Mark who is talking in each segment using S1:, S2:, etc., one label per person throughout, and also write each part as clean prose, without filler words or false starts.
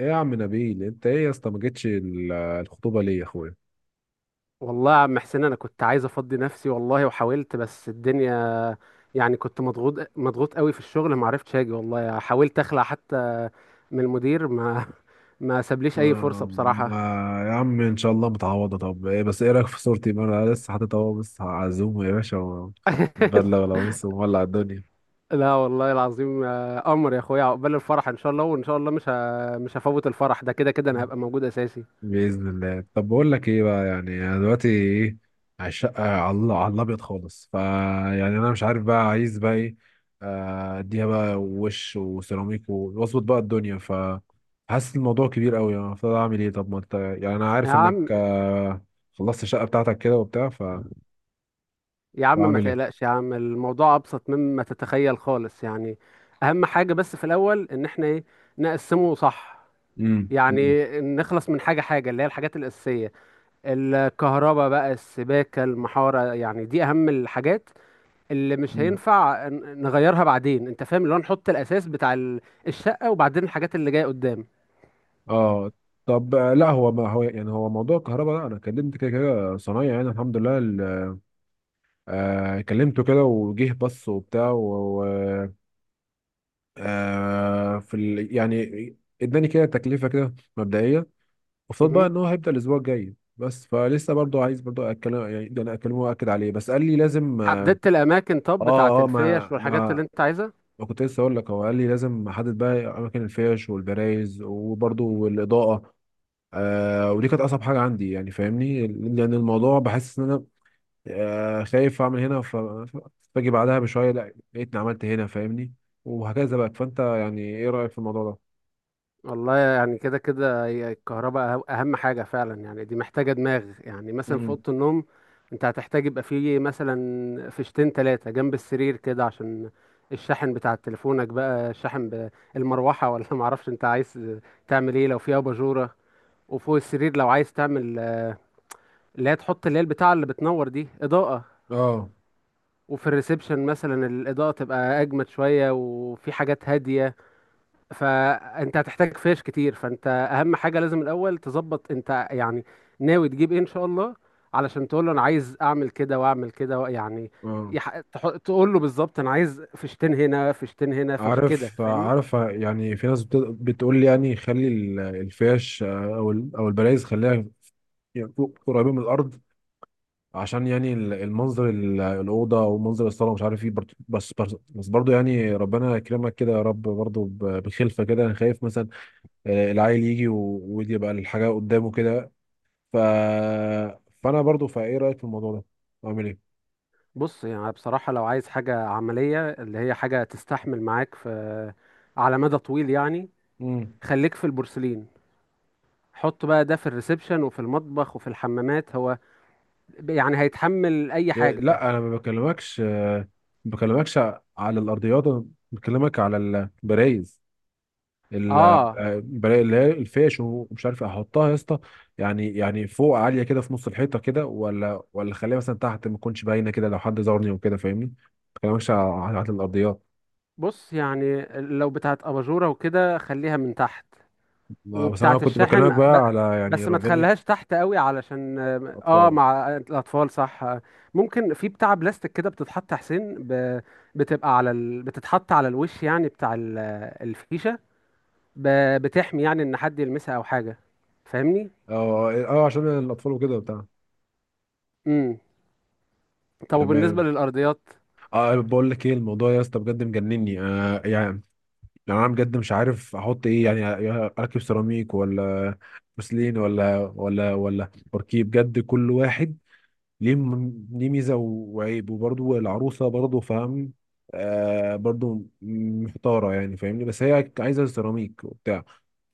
S1: ايه يا عم نبيل؟ انت ايه يا اسطى، ما جيتش الخطوبه ليه يا اخويا؟
S2: والله يا عم حسين، انا كنت عايز افضي نفسي والله، وحاولت بس الدنيا، يعني كنت مضغوط مضغوط قوي في الشغل، ما عرفتش اجي والله. حاولت اخلع حتى من المدير، ما ما سابليش اي فرصة
S1: آه
S2: بصراحة.
S1: يا عم ان شاء الله متعوضه. طب ايه، بس ايه رايك في صورتي؟ ما انا لسه حاطط اهو، بس هعزومه يا باشا وبدله ولا قميص ومولع الدنيا؟
S2: لا والله العظيم، آه، قمر يا اخويا، عقبال الفرح ان شاء الله. وان شاء الله مش هفوت الفرح ده، كده كده انا هبقى موجود اساسي.
S1: بإذن الله. طب بقول لك ايه بقى، يعني انا دلوقتي ايه على الشقة، على على الابيض خالص، فا يعني انا مش عارف بقى، عايز بقى ايه؟ آه، اديها بقى وش وسيراميك واظبط بقى الدنيا، ف حاسس الموضوع كبير قوي، يعني المفروض اعمل ايه؟ طب ما انت، يعني انا
S2: يا
S1: عارف انك
S2: عم
S1: آه، خلصت الشقة بتاعتك كده وبتاع، ف
S2: يا عم، ما
S1: واعمل ايه؟
S2: تقلقش يا عم، الموضوع ابسط مما تتخيل خالص، يعني اهم حاجة بس في الاول ان احنا ايه، نقسمه صح.
S1: امم.
S2: يعني نخلص من حاجة حاجة اللي هي الحاجات الأساسية: الكهرباء بقى، السباكة، المحارة، يعني دي أهم الحاجات اللي مش
S1: أمم.
S2: هينفع نغيرها بعدين. أنت فاهم اللي هو نحط الأساس بتاع الشقة، وبعدين الحاجات اللي جاية قدام.
S1: اه طب آه، لا هو، ما هو يعني هو موضوع الكهرباء ده انا كلمت كده كده صنايعي، يعني الحمد لله. آه كلمته كده وجه، بص وبتاع و- آه في يعني اداني كده تكلفه كده مبدئيه قصاد بقى
S2: مهم.
S1: ان هو هيبدا الاسبوع الجاي، بس فلسه برضو عايز برضو اتكلم، يعني ده انا اكلمه واكد عليه، بس قال لي لازم اه.
S2: حددت الأماكن طب
S1: اه
S2: بتاعت
S1: آه، ما
S2: الفيش والحاجات اللي
S1: ما
S2: أنت عايزها؟
S1: ما كنت لسه اقول لك، هو قال لي لازم احدد بقى اماكن الفيش والبرايز وبرضو الاضاءه. آه ودي كانت اصعب حاجه عندي، يعني فاهمني، لان الموضوع بحس ان انا آه، خايف اعمل هنا فاجي بعدها بشويه لا لقيتني عملت هنا، فاهمني، وهكذا بقى. فانت يعني ايه رايك في الموضوع ده؟
S2: والله يعني كده كده هي الكهرباء اهم حاجه فعلا، يعني دي محتاجه دماغ. يعني مثلا في
S1: امم.
S2: اوضه النوم انت هتحتاج يبقى فيه مثلا فيشتين تلاتة جنب السرير كده، عشان الشاحن بتاع تليفونك بقى، الشاحن المروحه، ولا معرفش انت عايز تعمل ايه لو فيه اباجوره. وفوق السرير لو عايز تعمل اللي هي تحط اللي هي البتاعه اللي بتنور دي اضاءه.
S1: اه
S2: وفي الريسبشن مثلا الاضاءه تبقى اجمد شويه، وفي حاجات هاديه. فانت هتحتاج فيش كتير. فانت اهم حاجه لازم الاول تظبط انت يعني ناوي تجيب ايه ان شاء الله، علشان تقول له انا عايز اعمل كده واعمل كده يعني.
S1: اه،
S2: تقول له بالظبط انا عايز فيشتين هنا، فيشتين هنا، فيش كده،
S1: عارف
S2: فاهمني؟
S1: عارف يعني في ناس بتقول لي، يعني خلي الفيش آه، او او البلايز خليها يعني فوق، قريبين من الارض، عشان يعني المنظر، الاوضه ومنظر الصاله ومش عارف ايه برضه، بس برضه يعني ربنا يكرمك كده يا رب، برضه بخلفه كده، انا خايف مثلا آه، العيل يجي ويبقى الحاجه قدامه كده، ف... فانا برضو فايه رايك في الموضوع ده؟ اعمل ايه؟
S2: بص يعني بصراحه لو عايز حاجه عمليه اللي هي حاجه تستحمل معاك في على مدى طويل يعني،
S1: امم.
S2: خليك في البورسلين. حط بقى ده في الريسبشن وفي المطبخ وفي الحمامات، هو يعني هيتحمل اي حاجه.
S1: لا انا ما بكلمكش آه، ما بكلمكش على الارضيات، أنا بكلمك على البرايز، آه،
S2: اه،
S1: البرايز اللي هي الفيش ومش عارف إيه. احطها يا اسطى يعني، يعني فوق عاليه كده في نص الحيطه كده، ولا خليها مثلا تحت ما تكونش باينه كده لو حد زارني وكده، فاهمني، ما بكلمكش على على الارضيات.
S2: بص يعني لو بتاعت اباجوره وكده خليها من تحت،
S1: ما- بس انا
S2: وبتاعت
S1: كنت بكلمك
S2: الشاحن
S1: بقى على، يعني
S2: بس ما
S1: ربنا
S2: تخليهاش
S1: يك-
S2: تحت قوي علشان اه. آه،
S1: اطفال.
S2: مع الاطفال صح. ممكن في بتاع بلاستيك كده بتتحط يا حسين، بتبقى على بتتحط على الوش، يعني بتاع الفيشه، ب... بتحمي يعني ان حد يلمسها او حاجه، فاهمني.
S1: اه اه، عشان الاطفال وكده بتاع.
S2: امم، طب وبالنسبه
S1: تمام.
S2: للارضيات؟
S1: اه بقول لك ايه الموضوع يا اسطى، بجد مجنني آه، يعني يعني انا بجد مش عارف احط ايه، يعني اركب سيراميك ولا بوسلين ولا بوركيه؟ بجد كل واحد ليه ليه ميزه وعيب، وبرضه العروسه برضه فاهم آه برضه محتاره، يعني فاهمني، بس هي عايزه سيراميك وبتاع.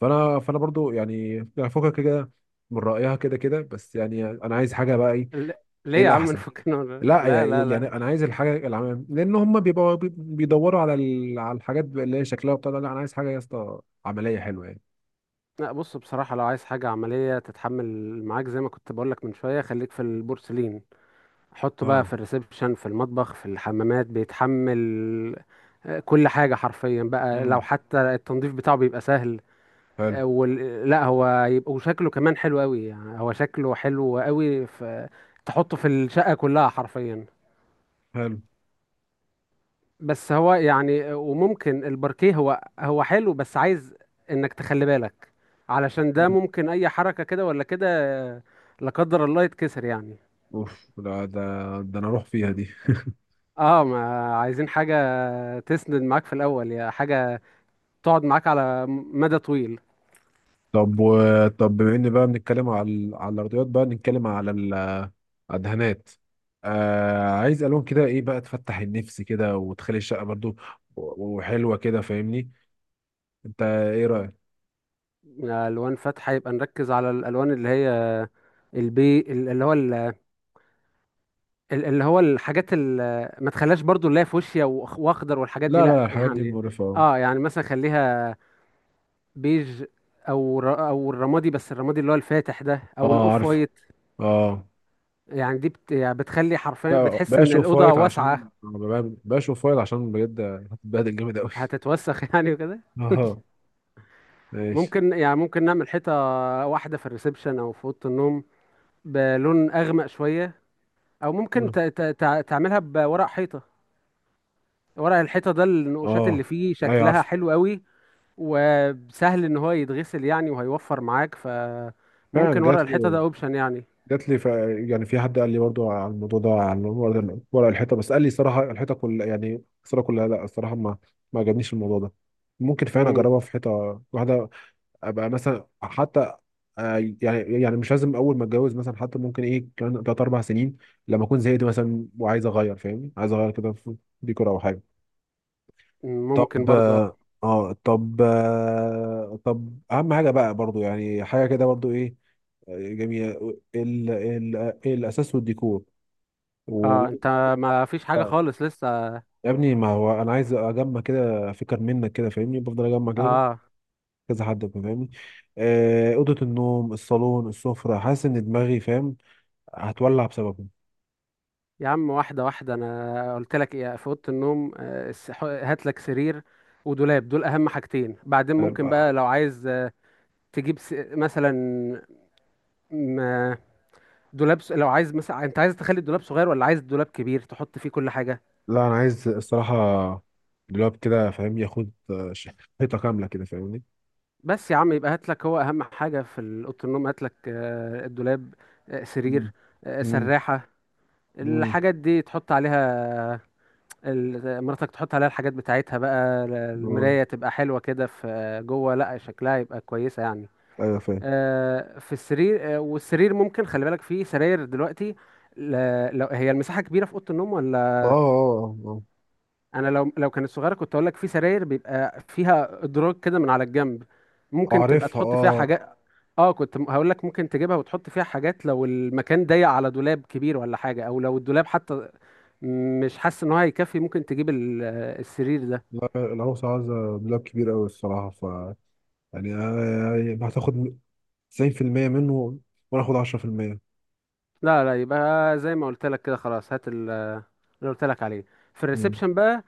S1: فانا برضه يعني، يعني فكك كده من رايها كده كده، بس يعني انا عايز حاجه بقى، ايه
S2: ل... ليه
S1: ايه
S2: يا عم،
S1: الاحسن؟
S2: نفكنا.
S1: لا
S2: لا لا
S1: يعني،
S2: لا،
S1: يعني انا عايز الحاجه العمام، لان هم بيبقوا بيدوروا على على الحاجات اللي هي شكلها وبتاع ده. لا انا عايز حاجه يا اسطى عمليه حلوه يعني.
S2: لا بص بصراحة لو عايز حاجة عملية تتحمل معاك زي ما كنت بقولك من شوية، خليك في البورسلين. حطه بقى
S1: اه.
S2: في الريسبشن، في المطبخ، في الحمامات، بيتحمل آه، كل حاجة حرفيا بقى. لو
S1: امم.
S2: حتى التنظيف بتاعه بيبقى سهل.
S1: حلو.
S2: آه، لا هو يبقى، وشكله كمان حلو قوي يعني، هو شكله حلو قوي في... تحطه في الشقة كلها حرفيا.
S1: حلو.
S2: بس هو يعني، وممكن الباركيه، هو هو حلو، بس عايز انك تخلي بالك، علشان ده
S1: مم.
S2: ممكن اي حركة كده ولا كده، لا قدر الله، يتكسر يعني.
S1: اوف، لا ده، ده انا اروح فيها دي.
S2: اه، ما عايزين حاجة تسند معاك في الاول، يا حاجة تقعد معاك على مدى طويل.
S1: طب طب بما ان بقى بنتكلم على على الارضيات، بقى نتكلم على الدهانات. آه عايز الوان كده، ايه بقى تفتح النفس كده وتخلي الشقه برضو وحلوه كده، فاهمني. انت ايه رايك؟
S2: الوان فاتحة، يبقى نركز على الالوان اللي هي البي اللي هو الحاجات اللي ما تخليهاش برضو اللي هي فوشيا واخضر والحاجات دي
S1: لا لا،
S2: لا
S1: الحاجات دي
S2: يعني.
S1: مقرفه.
S2: اه يعني مثلا خليها بيج، او او الرمادي، بس الرمادي اللي هو الفاتح ده، او
S1: اه
S2: الاوف
S1: عارفه.
S2: وايت.
S1: اه
S2: يعني دي يعني بتخلي حرفيا
S1: لا
S2: بتحس ان
S1: بشوف
S2: الاوضه
S1: فايت، عشان
S2: واسعه.
S1: بشوف فايت عشان بجد هتتبهدل جامد قوي.
S2: هتتوسخ يعني وكده.
S1: اه، ماشي.
S2: ممكن يعني ممكن نعمل حيطه واحده في الريسبشن او في اوضه النوم بلون اغمق شويه. او ممكن تعملها بورق حيطه. ورق الحيطه ده النقوشات اللي
S1: اه
S2: فيه
S1: ايوه
S2: شكلها
S1: عارفه.
S2: حلو قوي، وسهل ان هو يتغسل يعني وهيوفر معاك.
S1: فعلا
S2: فممكن ورق
S1: جات
S2: الحيطه ده
S1: لي،
S2: اوبشن يعني.
S1: جات لي يعني في حد قال لي برضو على الموضوع ده، على ورق، ورق الحيطه، بس قال لي صراحه الحيطه كلها، يعني الصوره كلها لا، الصراحه ما ما عجبنيش الموضوع ده. ممكن فعلا
S2: مم.
S1: اجربها في حيطه واحده، ابقى مثلا حتى آه، يعني يعني مش لازم اول ما اتجوز مثلا، حتى ممكن ايه كمان ثلاث اربع سنين لما اكون زهقت مثلا وعايز اغير، فاهمني، عايز اغير كده في ديكور او حاجه.
S2: ممكن
S1: طب
S2: برضو.
S1: اه، طب آه، طب اهم حاجه بقى برضو، يعني حاجه كده برضو ايه آه، جميله ال ال الاساس والديكور و
S2: اه، انت ما فيش حاجة خالص لسه؟
S1: يا ابني، ما هو انا عايز اجمع كده فكر منك كده، فاهمني، بفضل اجمع كده
S2: اه
S1: كذا حد، فاهمني، آه، اوضه النوم، الصالون، السفره، حاسس ان دماغي فاهم هتولع بسببه.
S2: يا عم، واحدة واحدة. انا قلت لك ايه، في اوضة النوم آه، هات لك سرير ودولاب، دول اهم حاجتين. بعدين ممكن
S1: آه،
S2: بقى لو عايز آه، تجيب مثلا م- دولاب لو عايز مثلا، انت عايز تخلي الدولاب صغير ولا عايز دولاب كبير تحط فيه كل حاجة؟
S1: لا انا عايز الصراحه دلوقتي كده، فاهم، ياخد آه، حيطه كامله كده، فاهمني.
S2: بس يا عم، يبقى هات لك، هو اهم حاجة في اوضة النوم هات لك آه، الدولاب، آه،
S1: مم.
S2: سرير، آه،
S1: مم.
S2: سراحة،
S1: مم.
S2: الحاجات دي تحط عليها. مراتك تحط عليها الحاجات بتاعتها بقى.
S1: آه.
S2: المراية تبقى حلوة كده في جوه، لا شكلها يبقى كويسة يعني.
S1: ايوه فاهم.
S2: آه، في السرير، آه، والسرير ممكن خلي بالك في سراير دلوقتي لو هي المساحة كبيرة في أوضة النوم
S1: اه
S2: ولا.
S1: اه اه
S2: أنا لو لو كانت صغيرة كنت أقول لك في سراير بيبقى فيها إدراج كده من على الجنب،
S1: آه.
S2: ممكن تبقى
S1: اعرفها
S2: تحط فيها
S1: اه.
S2: حاجات. اه كنت هقول لك ممكن تجيبها وتحط فيها حاجات لو المكان ضيق على دولاب كبير ولا حاجة، أو لو الدولاب حتى مش حاسس إن هو هيكفي، ممكن تجيب السرير ده.
S1: لا العروسة عايزة مبلغ كبير قوي الصراحة، ف يعني أنا- يعني هتاخد 90% منه، وانا اخد 10%.
S2: لا لا، يبقى زي ما قلت لك كده خلاص، هات اللي قلت لك عليه. في
S1: مم.
S2: الريسبشن بقى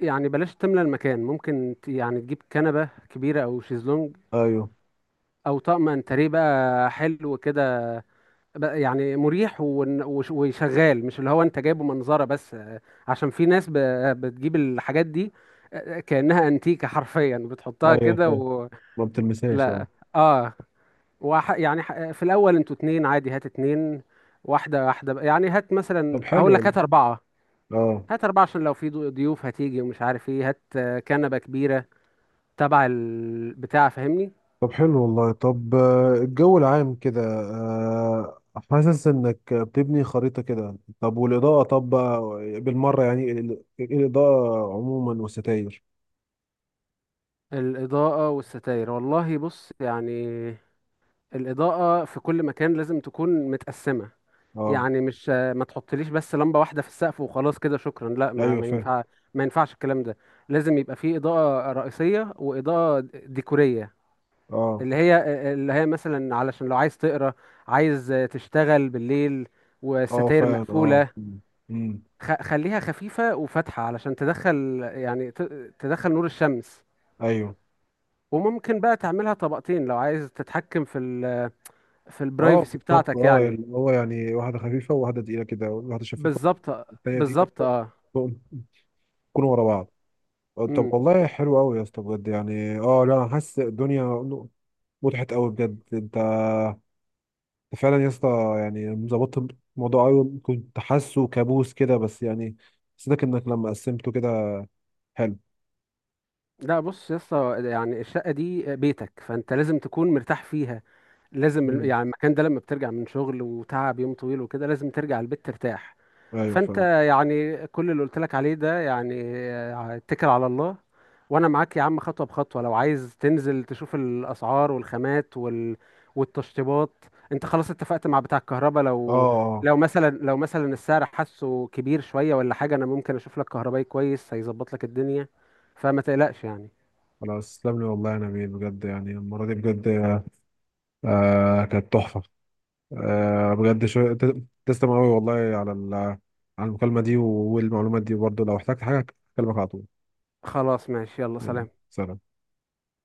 S2: يعني بلاش تملى المكان. ممكن يعني تجيب كنبة كبيرة أو شيزلونج
S1: ايوه.
S2: أو طقم انتريه بقى حلو كده بقى، يعني مريح وشغال، مش اللي هو أنت جايبه منظرة بس آه، عشان في ناس بتجيب الحاجات دي آه، كأنها أنتيكة حرفيا، بتحطها
S1: ايوه
S2: كده
S1: فاهم.
S2: و...
S1: ما بتلمسهاش اه.
S2: لا، اه. في الأول أنتوا اتنين عادي، هات اتنين، واحدة واحدة بقى. يعني هات مثلا،
S1: طب حلو
S2: هقول لك
S1: والله.
S2: هات أربعة.
S1: اه
S2: هات أربعة عشان لو في ضيوف هتيجي ومش عارف ايه، هات آه، كنبة كبيرة تبع البتاع فاهمني.
S1: طب حلو والله. طب آه، الجو العام كده آه، حاسس انك بتبني خريطة كده. طب والإضاءة، طب بقى بالمرة، يعني الإضاءة عموما والستاير.
S2: الإضاءة والستاير، والله بص يعني، الإضاءة في كل مكان لازم تكون متقسمة.
S1: اه.
S2: يعني مش آه، ما تحطليش بس لمبة واحدة في السقف وخلاص كده شكرا، لا. ما
S1: ايوه
S2: ما
S1: فاهم.
S2: ينفع. ما ينفعش الكلام ده. لازم يبقى فيه إضاءة رئيسية وإضاءة ديكورية،
S1: اه
S2: اللي هي اللي هي مثلا علشان لو عايز تقرا، عايز آه، تشتغل بالليل
S1: اه
S2: والستاير
S1: فعلا اه.
S2: مقفولة.
S1: مم. مم.
S2: خليها خفيفة وفاتحة علشان تدخل يعني تدخل نور الشمس.
S1: ايوه.
S2: وممكن بقى تعملها طبقتين لو عايز تتحكم في في
S1: اه
S2: البرايفسي
S1: بالظبط،
S2: بتاعتك
S1: اه يعني
S2: يعني.
S1: اللي هو، يعني واحده خفيفه وواحده تقيله كده، واحده شفافه
S2: بالظبط
S1: والتانيه تقيله
S2: بالظبط
S1: كده،
S2: اه.
S1: يكونوا ورا بعض. آه، طب
S2: امم.
S1: والله حلو قوي يا اسطى بجد يعني. اه لا انا حاسس الدنيا مضحت قوي بجد انت، أنت فعلا يا اسطى يعني ظبطت الموضوع قوي، كنت حاسه كابوس كده، بس يعني حسيتك انك لما قسمته كده حلو.
S2: لا بص يا اسطى، يعني الشقة دي بيتك، فانت لازم تكون مرتاح فيها. لازم
S1: مم.
S2: يعني المكان ده، لما بترجع من شغل وتعب يوم طويل وكده، لازم ترجع البيت ترتاح.
S1: ايوه
S2: فانت
S1: فاهم.
S2: يعني كل اللي قلت لك عليه ده يعني آه، اتكل على الله وانا معاك يا عم خطوة بخطوة. لو عايز تنزل تشوف الاسعار والخامات والتشطيبات. انت خلاص اتفقت مع بتاع الكهرباء؟
S1: اه اه.
S2: لو مثلا السعر حاسه كبير شوية ولا حاجة، انا ممكن اشوف لك كهربائي كويس هيظبط لك الدنيا، فما تقلقش يعني.
S1: خلاص تسلم لي والله يا نبيل، بجد يعني المره دي بجد آه كانت تحفة. آه بجد تسلم قوي والله على على المكالمة دي والمعلومات دي. برضه لو احتجت حاجة أكلمك على طول.
S2: خلاص ماشي، يلا
S1: يعني
S2: سلام.
S1: سلام.